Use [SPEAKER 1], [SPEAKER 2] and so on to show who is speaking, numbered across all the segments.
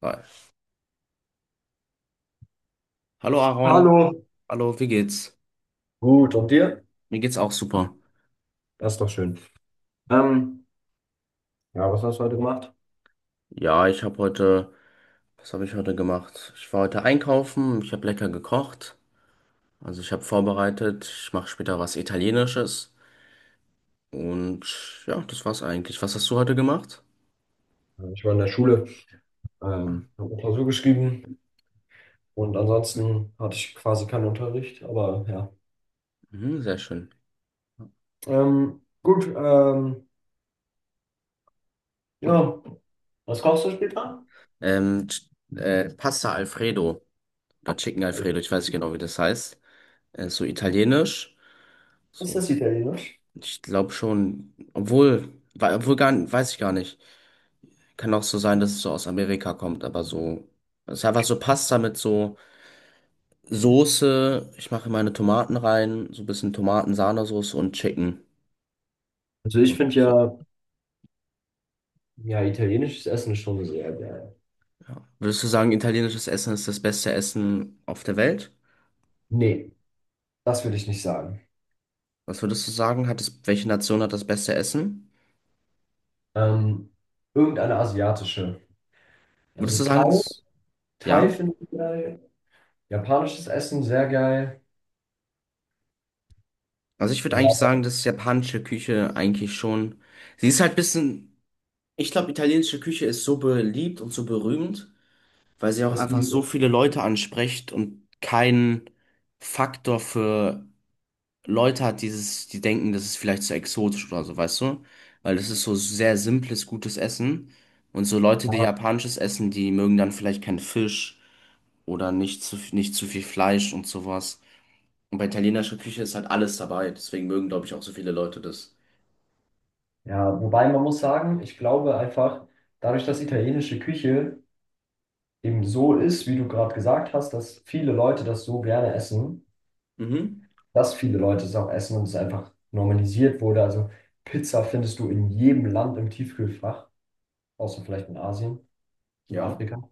[SPEAKER 1] Geil. Hallo Aaron,
[SPEAKER 2] Hallo.
[SPEAKER 1] hallo, wie geht's?
[SPEAKER 2] Gut, und dir?
[SPEAKER 1] Mir geht's auch super.
[SPEAKER 2] Das ist doch schön. Ähm, ja, was hast du heute gemacht?
[SPEAKER 1] Ja, ich habe heute, was habe ich heute gemacht? Ich war heute einkaufen, ich habe lecker gekocht, also ich habe vorbereitet, ich mache später was Italienisches und ja, das war's eigentlich. Was hast du heute gemacht?
[SPEAKER 2] Ich war in der Schule,
[SPEAKER 1] Ah,
[SPEAKER 2] habe eine Klausur geschrieben und ansonsten hatte ich quasi keinen Unterricht, aber ja.
[SPEAKER 1] mhm, sehr schön.
[SPEAKER 2] Ähm, gut, ähm, ja. Was kochst du später?
[SPEAKER 1] Ähm, Ch- Pasta Alfredo oder Chicken Alfredo, ich weiß nicht genau, wie das heißt. So italienisch,
[SPEAKER 2] Ist
[SPEAKER 1] so,
[SPEAKER 2] das Italienisch?
[SPEAKER 1] ich glaube schon, obwohl, obwohl gar, weiß ich gar nicht. Kann auch so sein, dass es so aus Amerika kommt, aber so. Es ist einfach so Pasta mit so Soße. Ich mache meine Tomaten rein, so ein bisschen Tomaten-Sahnesoße und Chicken.
[SPEAKER 2] Also ich
[SPEAKER 1] Und
[SPEAKER 2] finde
[SPEAKER 1] so,
[SPEAKER 2] ja, ja, italienisches Essen ist schon sehr geil.
[SPEAKER 1] ja. Würdest du sagen, italienisches Essen ist das beste Essen auf der Welt?
[SPEAKER 2] Nee, das würde ich nicht sagen.
[SPEAKER 1] Was würdest du sagen? Welche Nation hat das beste Essen?
[SPEAKER 2] Ähm, Irgendeine asiatische. Also
[SPEAKER 1] Würdest du
[SPEAKER 2] Thai,
[SPEAKER 1] sagen, es,
[SPEAKER 2] Thai
[SPEAKER 1] ja?
[SPEAKER 2] finde ich geil. Japanisches Essen sehr geil.
[SPEAKER 1] Also ich würde eigentlich sagen, dass japanische Küche eigentlich schon. Sie ist halt ein bisschen. Ich glaube, italienische Küche ist so beliebt und so berühmt, weil sie auch
[SPEAKER 2] Das
[SPEAKER 1] einfach so
[SPEAKER 2] Niveau.
[SPEAKER 1] viele Leute anspricht und keinen Faktor für Leute hat, dieses, die denken, das ist vielleicht zu exotisch oder so, weißt du? Weil das ist so sehr simples, gutes Essen. Und so Leute, die
[SPEAKER 2] Ja,
[SPEAKER 1] japanisches essen, die mögen dann vielleicht keinen Fisch oder nicht zu viel Fleisch und sowas. Und bei italienischer Küche ist halt alles dabei. Deswegen mögen, glaube ich, auch so viele Leute das.
[SPEAKER 2] ja, wobei man muss sagen, ich glaube einfach, dadurch, dass italienische Küche eben so ist, wie du gerade gesagt hast, dass viele Leute das so gerne essen,
[SPEAKER 1] Mhm.
[SPEAKER 2] dass viele Leute es auch essen und es einfach normalisiert wurde. Also Pizza findest du in jedem Land im Tiefkühlfach, außer vielleicht in Asien und
[SPEAKER 1] Ja.
[SPEAKER 2] Afrika.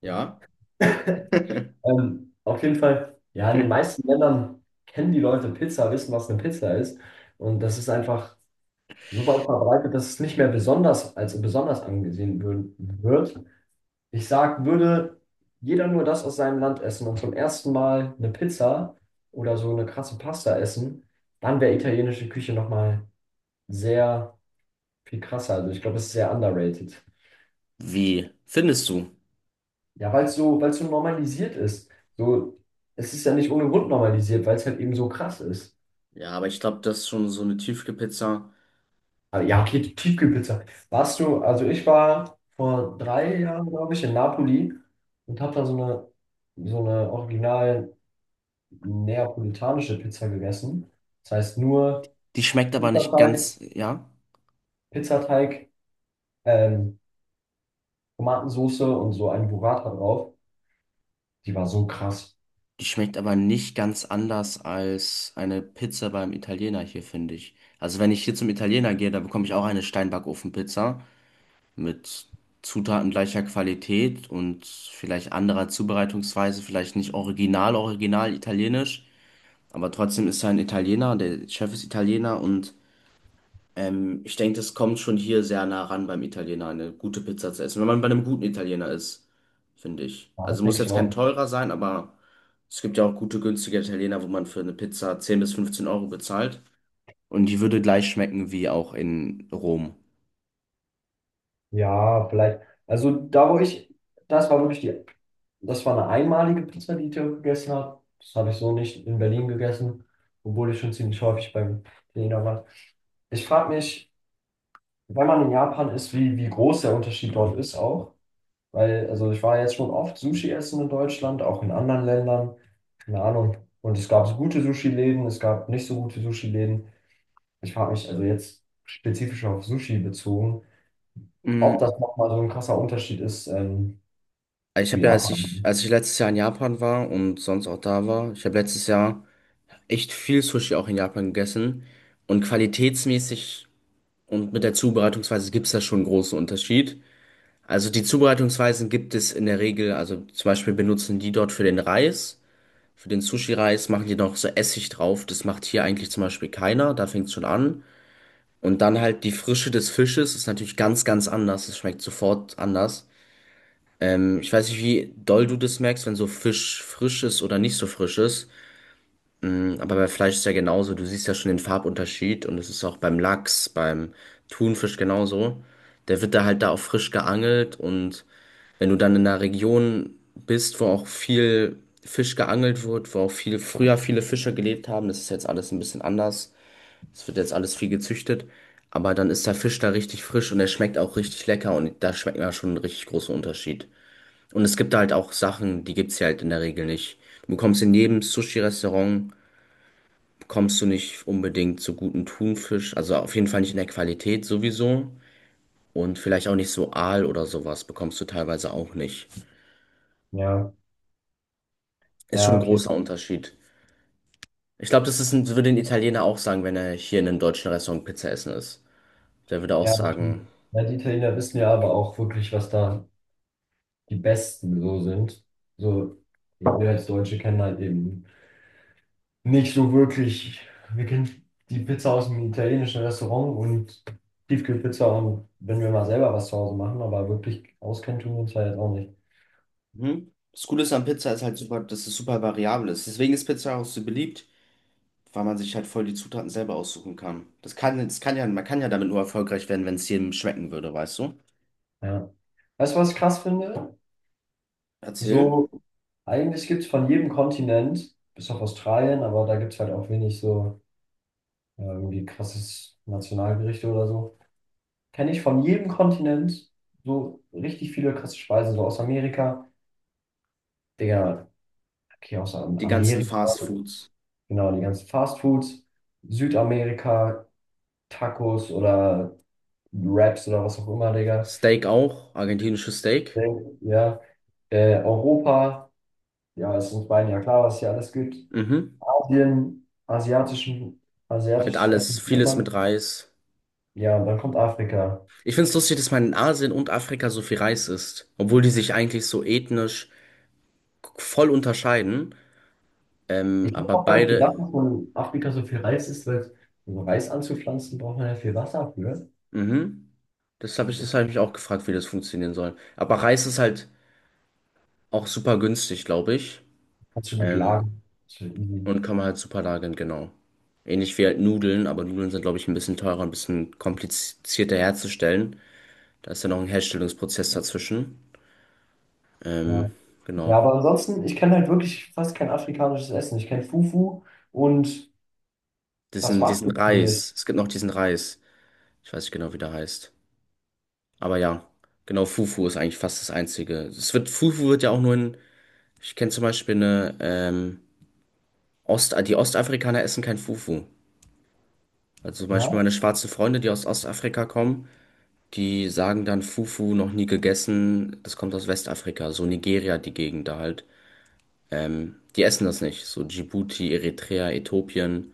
[SPEAKER 1] Ja.
[SPEAKER 2] Auf jeden Fall, ja, in den meisten Ländern kennen die Leute Pizza, wissen, was eine Pizza ist. Und das ist einfach so weit verbreitet, dass es nicht mehr besonders als besonders wird. Ich sag, würde jeder nur das aus seinem Land essen und zum ersten Mal eine Pizza oder so eine krasse Pasta essen, dann wäre italienische Küche nochmal sehr viel krasser. Also ich glaube, es ist sehr underrated.
[SPEAKER 1] Wie findest du?
[SPEAKER 2] Ja, weil es so normalisiert ist. So, es ist ja nicht ohne Grund normalisiert, weil es halt eben so krass ist.
[SPEAKER 1] Ja, aber ich glaube, das ist schon so eine Tiefkühlpizza.
[SPEAKER 2] Ah, ja, okay, die Tiefkühlpizza. Also ich war vor drei Jahren, glaube ich, in Napoli und habe da so eine original neapolitanische Pizza gegessen. Das heißt nur
[SPEAKER 1] Die schmeckt aber nicht
[SPEAKER 2] Pizzateig,
[SPEAKER 1] ganz, ja,
[SPEAKER 2] Pizzateig, ähm, Tomatensoße und so ein Burrata drauf. Die war so krass.
[SPEAKER 1] die schmeckt aber nicht ganz anders als eine Pizza beim Italiener hier, finde ich. Also wenn ich hier zum Italiener gehe, da bekomme ich auch eine Steinbackofenpizza mit Zutaten gleicher Qualität und vielleicht anderer Zubereitungsweise, vielleicht nicht original, original italienisch, aber trotzdem ist er ein Italiener, der Chef ist Italiener und ich denke, das kommt schon hier sehr nah ran beim Italiener, eine gute Pizza zu essen, wenn man bei einem guten Italiener ist, finde ich.
[SPEAKER 2] Ja, das
[SPEAKER 1] Also muss
[SPEAKER 2] denke ich
[SPEAKER 1] jetzt kein
[SPEAKER 2] auch.
[SPEAKER 1] teurer sein, aber es gibt ja auch gute, günstige Italiener, wo man für eine Pizza 10 bis 15 Euro bezahlt. Und die würde gleich schmecken wie auch in Rom.
[SPEAKER 2] Ja, vielleicht. Also da, wo ich, das war wirklich die, das war eine einmalige Pizza, die ich da gegessen habe. Das habe ich so nicht in Berlin gegessen, obwohl ich schon ziemlich häufig beim Italiener war. Ich frage mich, wenn man in Japan ist, wie groß der Unterschied dort ist auch. Weil, also ich war jetzt schon oft Sushi essen in Deutschland, auch in anderen Ländern. Keine Ahnung. Und es gab so gute Sushi-Läden, es gab nicht so gute Sushi-Läden. Ich frage mich, also jetzt spezifisch auf Sushi bezogen, ob
[SPEAKER 1] Mm,
[SPEAKER 2] das nochmal so ein krasser Unterschied ist.
[SPEAKER 1] Ich
[SPEAKER 2] Zu
[SPEAKER 1] habe ja,
[SPEAKER 2] Japan.
[SPEAKER 1] als ich letztes Jahr in Japan war und sonst auch da war, ich habe letztes Jahr echt viel Sushi auch in Japan gegessen. Und qualitätsmäßig und mit der Zubereitungsweise gibt es da schon einen großen Unterschied. Also die Zubereitungsweisen gibt es in der Regel, also zum Beispiel benutzen die dort für den Reis, für den Sushi-Reis machen die noch so Essig drauf. Das macht hier eigentlich zum Beispiel keiner, da fängt es schon an. Und dann halt die Frische des Fisches ist natürlich ganz, ganz anders. Es schmeckt sofort anders. Ich weiß nicht, wie doll du das merkst, wenn so Fisch frisch ist oder nicht so frisch ist. Aber bei Fleisch ist ja genauso. Du siehst ja schon den Farbunterschied und es ist auch beim Lachs, beim Thunfisch genauso. Der wird da halt da auch frisch geangelt und wenn du dann in einer Region bist, wo auch viel Fisch geangelt wird, wo auch viel früher viele Fischer gelebt haben, das ist jetzt alles ein bisschen anders. Es wird jetzt alles viel gezüchtet, aber dann ist der Fisch da richtig frisch und er schmeckt auch richtig lecker und da schmeckt man schon einen richtig großen Unterschied. Und es gibt da halt auch Sachen, die gibt's hier halt in der Regel nicht. Du bekommst in jedem Sushi-Restaurant, bekommst du nicht unbedingt so guten Thunfisch, also auf jeden Fall nicht in der Qualität sowieso. Und vielleicht auch nicht so Aal oder sowas bekommst du teilweise auch nicht.
[SPEAKER 2] Ja,
[SPEAKER 1] Ist schon
[SPEAKER 2] ja,
[SPEAKER 1] ein
[SPEAKER 2] okay.
[SPEAKER 1] großer Unterschied. Ich glaube, das ist ein, würde ein Italiener auch sagen, wenn er hier in einem deutschen Restaurant Pizza essen ist. Der würde auch
[SPEAKER 2] Ja, das
[SPEAKER 1] sagen,
[SPEAKER 2] stimmt. Ja, die Italiener wissen ja aber auch wirklich, was da die Besten so sind. So, wir als Deutsche kennen halt eben nicht so wirklich. Wir kennen die Pizza aus dem italienischen Restaurant und Tiefkühlpizza, und wenn wir mal selber was zu Hause machen, aber wirklich auskennen tun wir uns halt auch nicht.
[SPEAKER 1] mhm. Das Coole ist an Pizza ist halt super, dass es super variabel ist. Deswegen ist Pizza auch so beliebt, weil man sich halt voll die Zutaten selber aussuchen kann. Das kann ja, man kann ja damit nur erfolgreich werden, wenn es jedem schmecken würde, weißt du?
[SPEAKER 2] Ja. Weißt du, was ich krass finde?
[SPEAKER 1] Erzähl.
[SPEAKER 2] So, eigentlich gibt es von jedem Kontinent, bis auf Australien, aber da gibt es halt auch wenig so. Ja, irgendwie krasses Nationalgerichte oder so. Kenne ich von jedem Kontinent so richtig viele krasse Speisen, so aus Amerika. Digga, okay, aus
[SPEAKER 1] Die ganzen
[SPEAKER 2] Amerika,
[SPEAKER 1] Fast Foods.
[SPEAKER 2] genau, die ganzen Fastfoods, Südamerika, Tacos oder Wraps oder was auch immer, Digga.
[SPEAKER 1] Steak auch, argentinisches
[SPEAKER 2] Äh,
[SPEAKER 1] Steak.
[SPEAKER 2] Ja, Europa, ja, ist uns beiden ja klar, was hier alles gibt.
[SPEAKER 1] Mhm.
[SPEAKER 2] Asien,
[SPEAKER 1] Halt
[SPEAKER 2] asiatisches
[SPEAKER 1] alles,
[SPEAKER 2] Essen, kennt
[SPEAKER 1] vieles mit
[SPEAKER 2] man.
[SPEAKER 1] Reis.
[SPEAKER 2] Ja, und dann kommt Afrika.
[SPEAKER 1] Ich find's lustig, dass man in Asien und Afrika so viel Reis isst, obwohl die sich eigentlich so ethnisch voll unterscheiden.
[SPEAKER 2] Ich habe
[SPEAKER 1] Aber
[SPEAKER 2] auch gar nicht gedacht,
[SPEAKER 1] beide
[SPEAKER 2] dass man in Afrika so viel Reis isst, weil um Reis anzupflanzen, braucht man ja viel Wasser für.
[SPEAKER 1] mhm. Das habe ich,
[SPEAKER 2] Also
[SPEAKER 1] das habe ich mich auch gefragt, wie das funktionieren soll. Aber Reis ist halt auch super günstig, glaube ich.
[SPEAKER 2] kannst du gut
[SPEAKER 1] Ähm,
[SPEAKER 2] lagern. Ist ja easy.
[SPEAKER 1] und kann man halt super lagern, genau. Ähnlich wie halt Nudeln, aber Nudeln sind, glaube ich, ein bisschen teurer, ein bisschen komplizierter herzustellen. Da ist ja noch ein Herstellungsprozess dazwischen.
[SPEAKER 2] Ja.
[SPEAKER 1] Ähm,
[SPEAKER 2] Ja,
[SPEAKER 1] genau.
[SPEAKER 2] aber ansonsten, ich kenne halt wirklich fast kein afrikanisches Essen. Ich kenne Fufu und das
[SPEAKER 1] Diesen,
[SPEAKER 2] war's
[SPEAKER 1] diesen
[SPEAKER 2] so ziemlich.
[SPEAKER 1] Reis. Es gibt noch diesen Reis. Ich weiß nicht genau, wie der heißt. Aber ja, genau, Fufu ist eigentlich fast das Einzige. Es wird, Fufu wird ja auch nur in, ich kenne zum Beispiel eine, die Ostafrikaner essen kein Fufu. Also zum
[SPEAKER 2] Ja.
[SPEAKER 1] Beispiel meine schwarzen Freunde, die aus Ostafrika kommen, die sagen dann Fufu noch nie gegessen. Das kommt aus Westafrika, so Nigeria, die Gegend da halt. Die essen das nicht. So Djibouti, Eritrea, Äthiopien,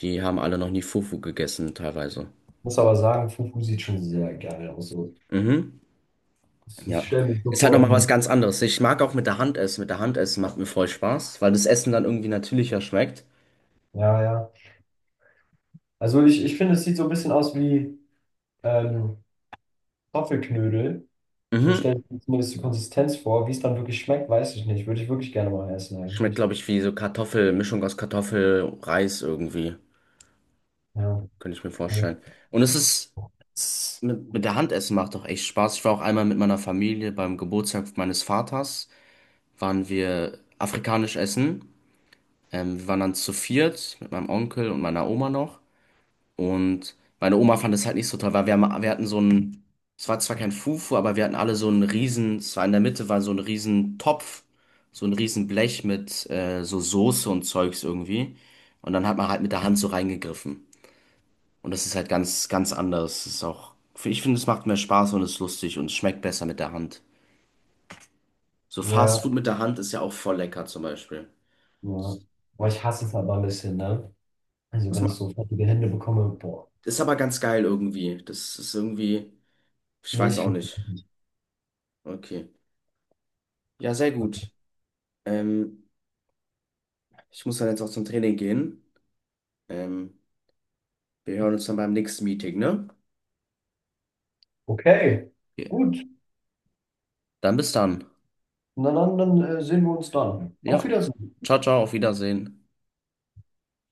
[SPEAKER 1] die haben alle noch nie Fufu gegessen teilweise.
[SPEAKER 2] Muss aber sagen, Fufu sieht schon sehr geil aus. So.
[SPEAKER 1] Mhm,
[SPEAKER 2] Ich
[SPEAKER 1] ja.
[SPEAKER 2] stelle mir so
[SPEAKER 1] Ist halt
[SPEAKER 2] vor,
[SPEAKER 1] nochmal
[SPEAKER 2] wie.
[SPEAKER 1] was ganz anderes. Ich mag auch mit der Hand essen. Mit der Hand essen macht mir voll Spaß, weil das Essen dann irgendwie natürlicher schmeckt.
[SPEAKER 2] Ja, ja. Ich finde, es sieht so ein bisschen aus wie ähm, Kartoffelknödel. So
[SPEAKER 1] Mhm.
[SPEAKER 2] stelle ich mir zumindest die Konsistenz vor. Wie es dann wirklich schmeckt, weiß ich nicht. Würde ich wirklich gerne mal essen
[SPEAKER 1] Schmeckt,
[SPEAKER 2] eigentlich.
[SPEAKER 1] glaube ich, wie so Kartoffel, Mischung aus Kartoffel, Reis irgendwie.
[SPEAKER 2] Ja,
[SPEAKER 1] Könnte ich mir
[SPEAKER 2] okay.
[SPEAKER 1] vorstellen. Und mit der Hand essen macht doch echt Spaß. Ich war auch einmal mit meiner Familie beim Geburtstag meines Vaters, waren wir afrikanisch essen. Wir waren dann zu 4 mit meinem Onkel und meiner Oma noch. Und meine Oma fand es halt nicht so toll, weil wir hatten so einen, es war zwar kein Fufu, aber wir hatten alle so einen riesen, es war in der Mitte war so ein riesen Topf, so ein riesen Blech mit so Soße und Zeugs irgendwie. Und dann hat man halt mit der Hand so reingegriffen. Und das ist halt ganz, ganz anders. Das ist auch, ich finde, es macht mehr Spaß und ist lustig und es schmeckt besser mit der Hand. So
[SPEAKER 2] Ja,
[SPEAKER 1] Fast Food mit der Hand ist ja auch voll lecker zum Beispiel.
[SPEAKER 2] ja.
[SPEAKER 1] Das
[SPEAKER 2] Boah,
[SPEAKER 1] macht,
[SPEAKER 2] ich hasse es aber ein bisschen, ne? Also
[SPEAKER 1] das
[SPEAKER 2] wenn ich
[SPEAKER 1] macht,
[SPEAKER 2] so fettige Hände bekomme, boah.
[SPEAKER 1] ist aber ganz geil irgendwie. Das ist irgendwie, ich
[SPEAKER 2] Nee,
[SPEAKER 1] weiß
[SPEAKER 2] ich
[SPEAKER 1] auch
[SPEAKER 2] finde
[SPEAKER 1] nicht.
[SPEAKER 2] es nicht.
[SPEAKER 1] Okay. Ja, sehr gut. Ähm, Ich muss dann jetzt auch zum Training gehen. Ähm, Wir hören uns dann beim nächsten Meeting, ne?
[SPEAKER 2] Okay,
[SPEAKER 1] Okay.
[SPEAKER 2] gut.
[SPEAKER 1] Dann bis dann.
[SPEAKER 2] Na dann, dann sehen wir uns dann. Auf
[SPEAKER 1] Ja.
[SPEAKER 2] Wiedersehen.
[SPEAKER 1] Ciao, ciao, auf Wiedersehen.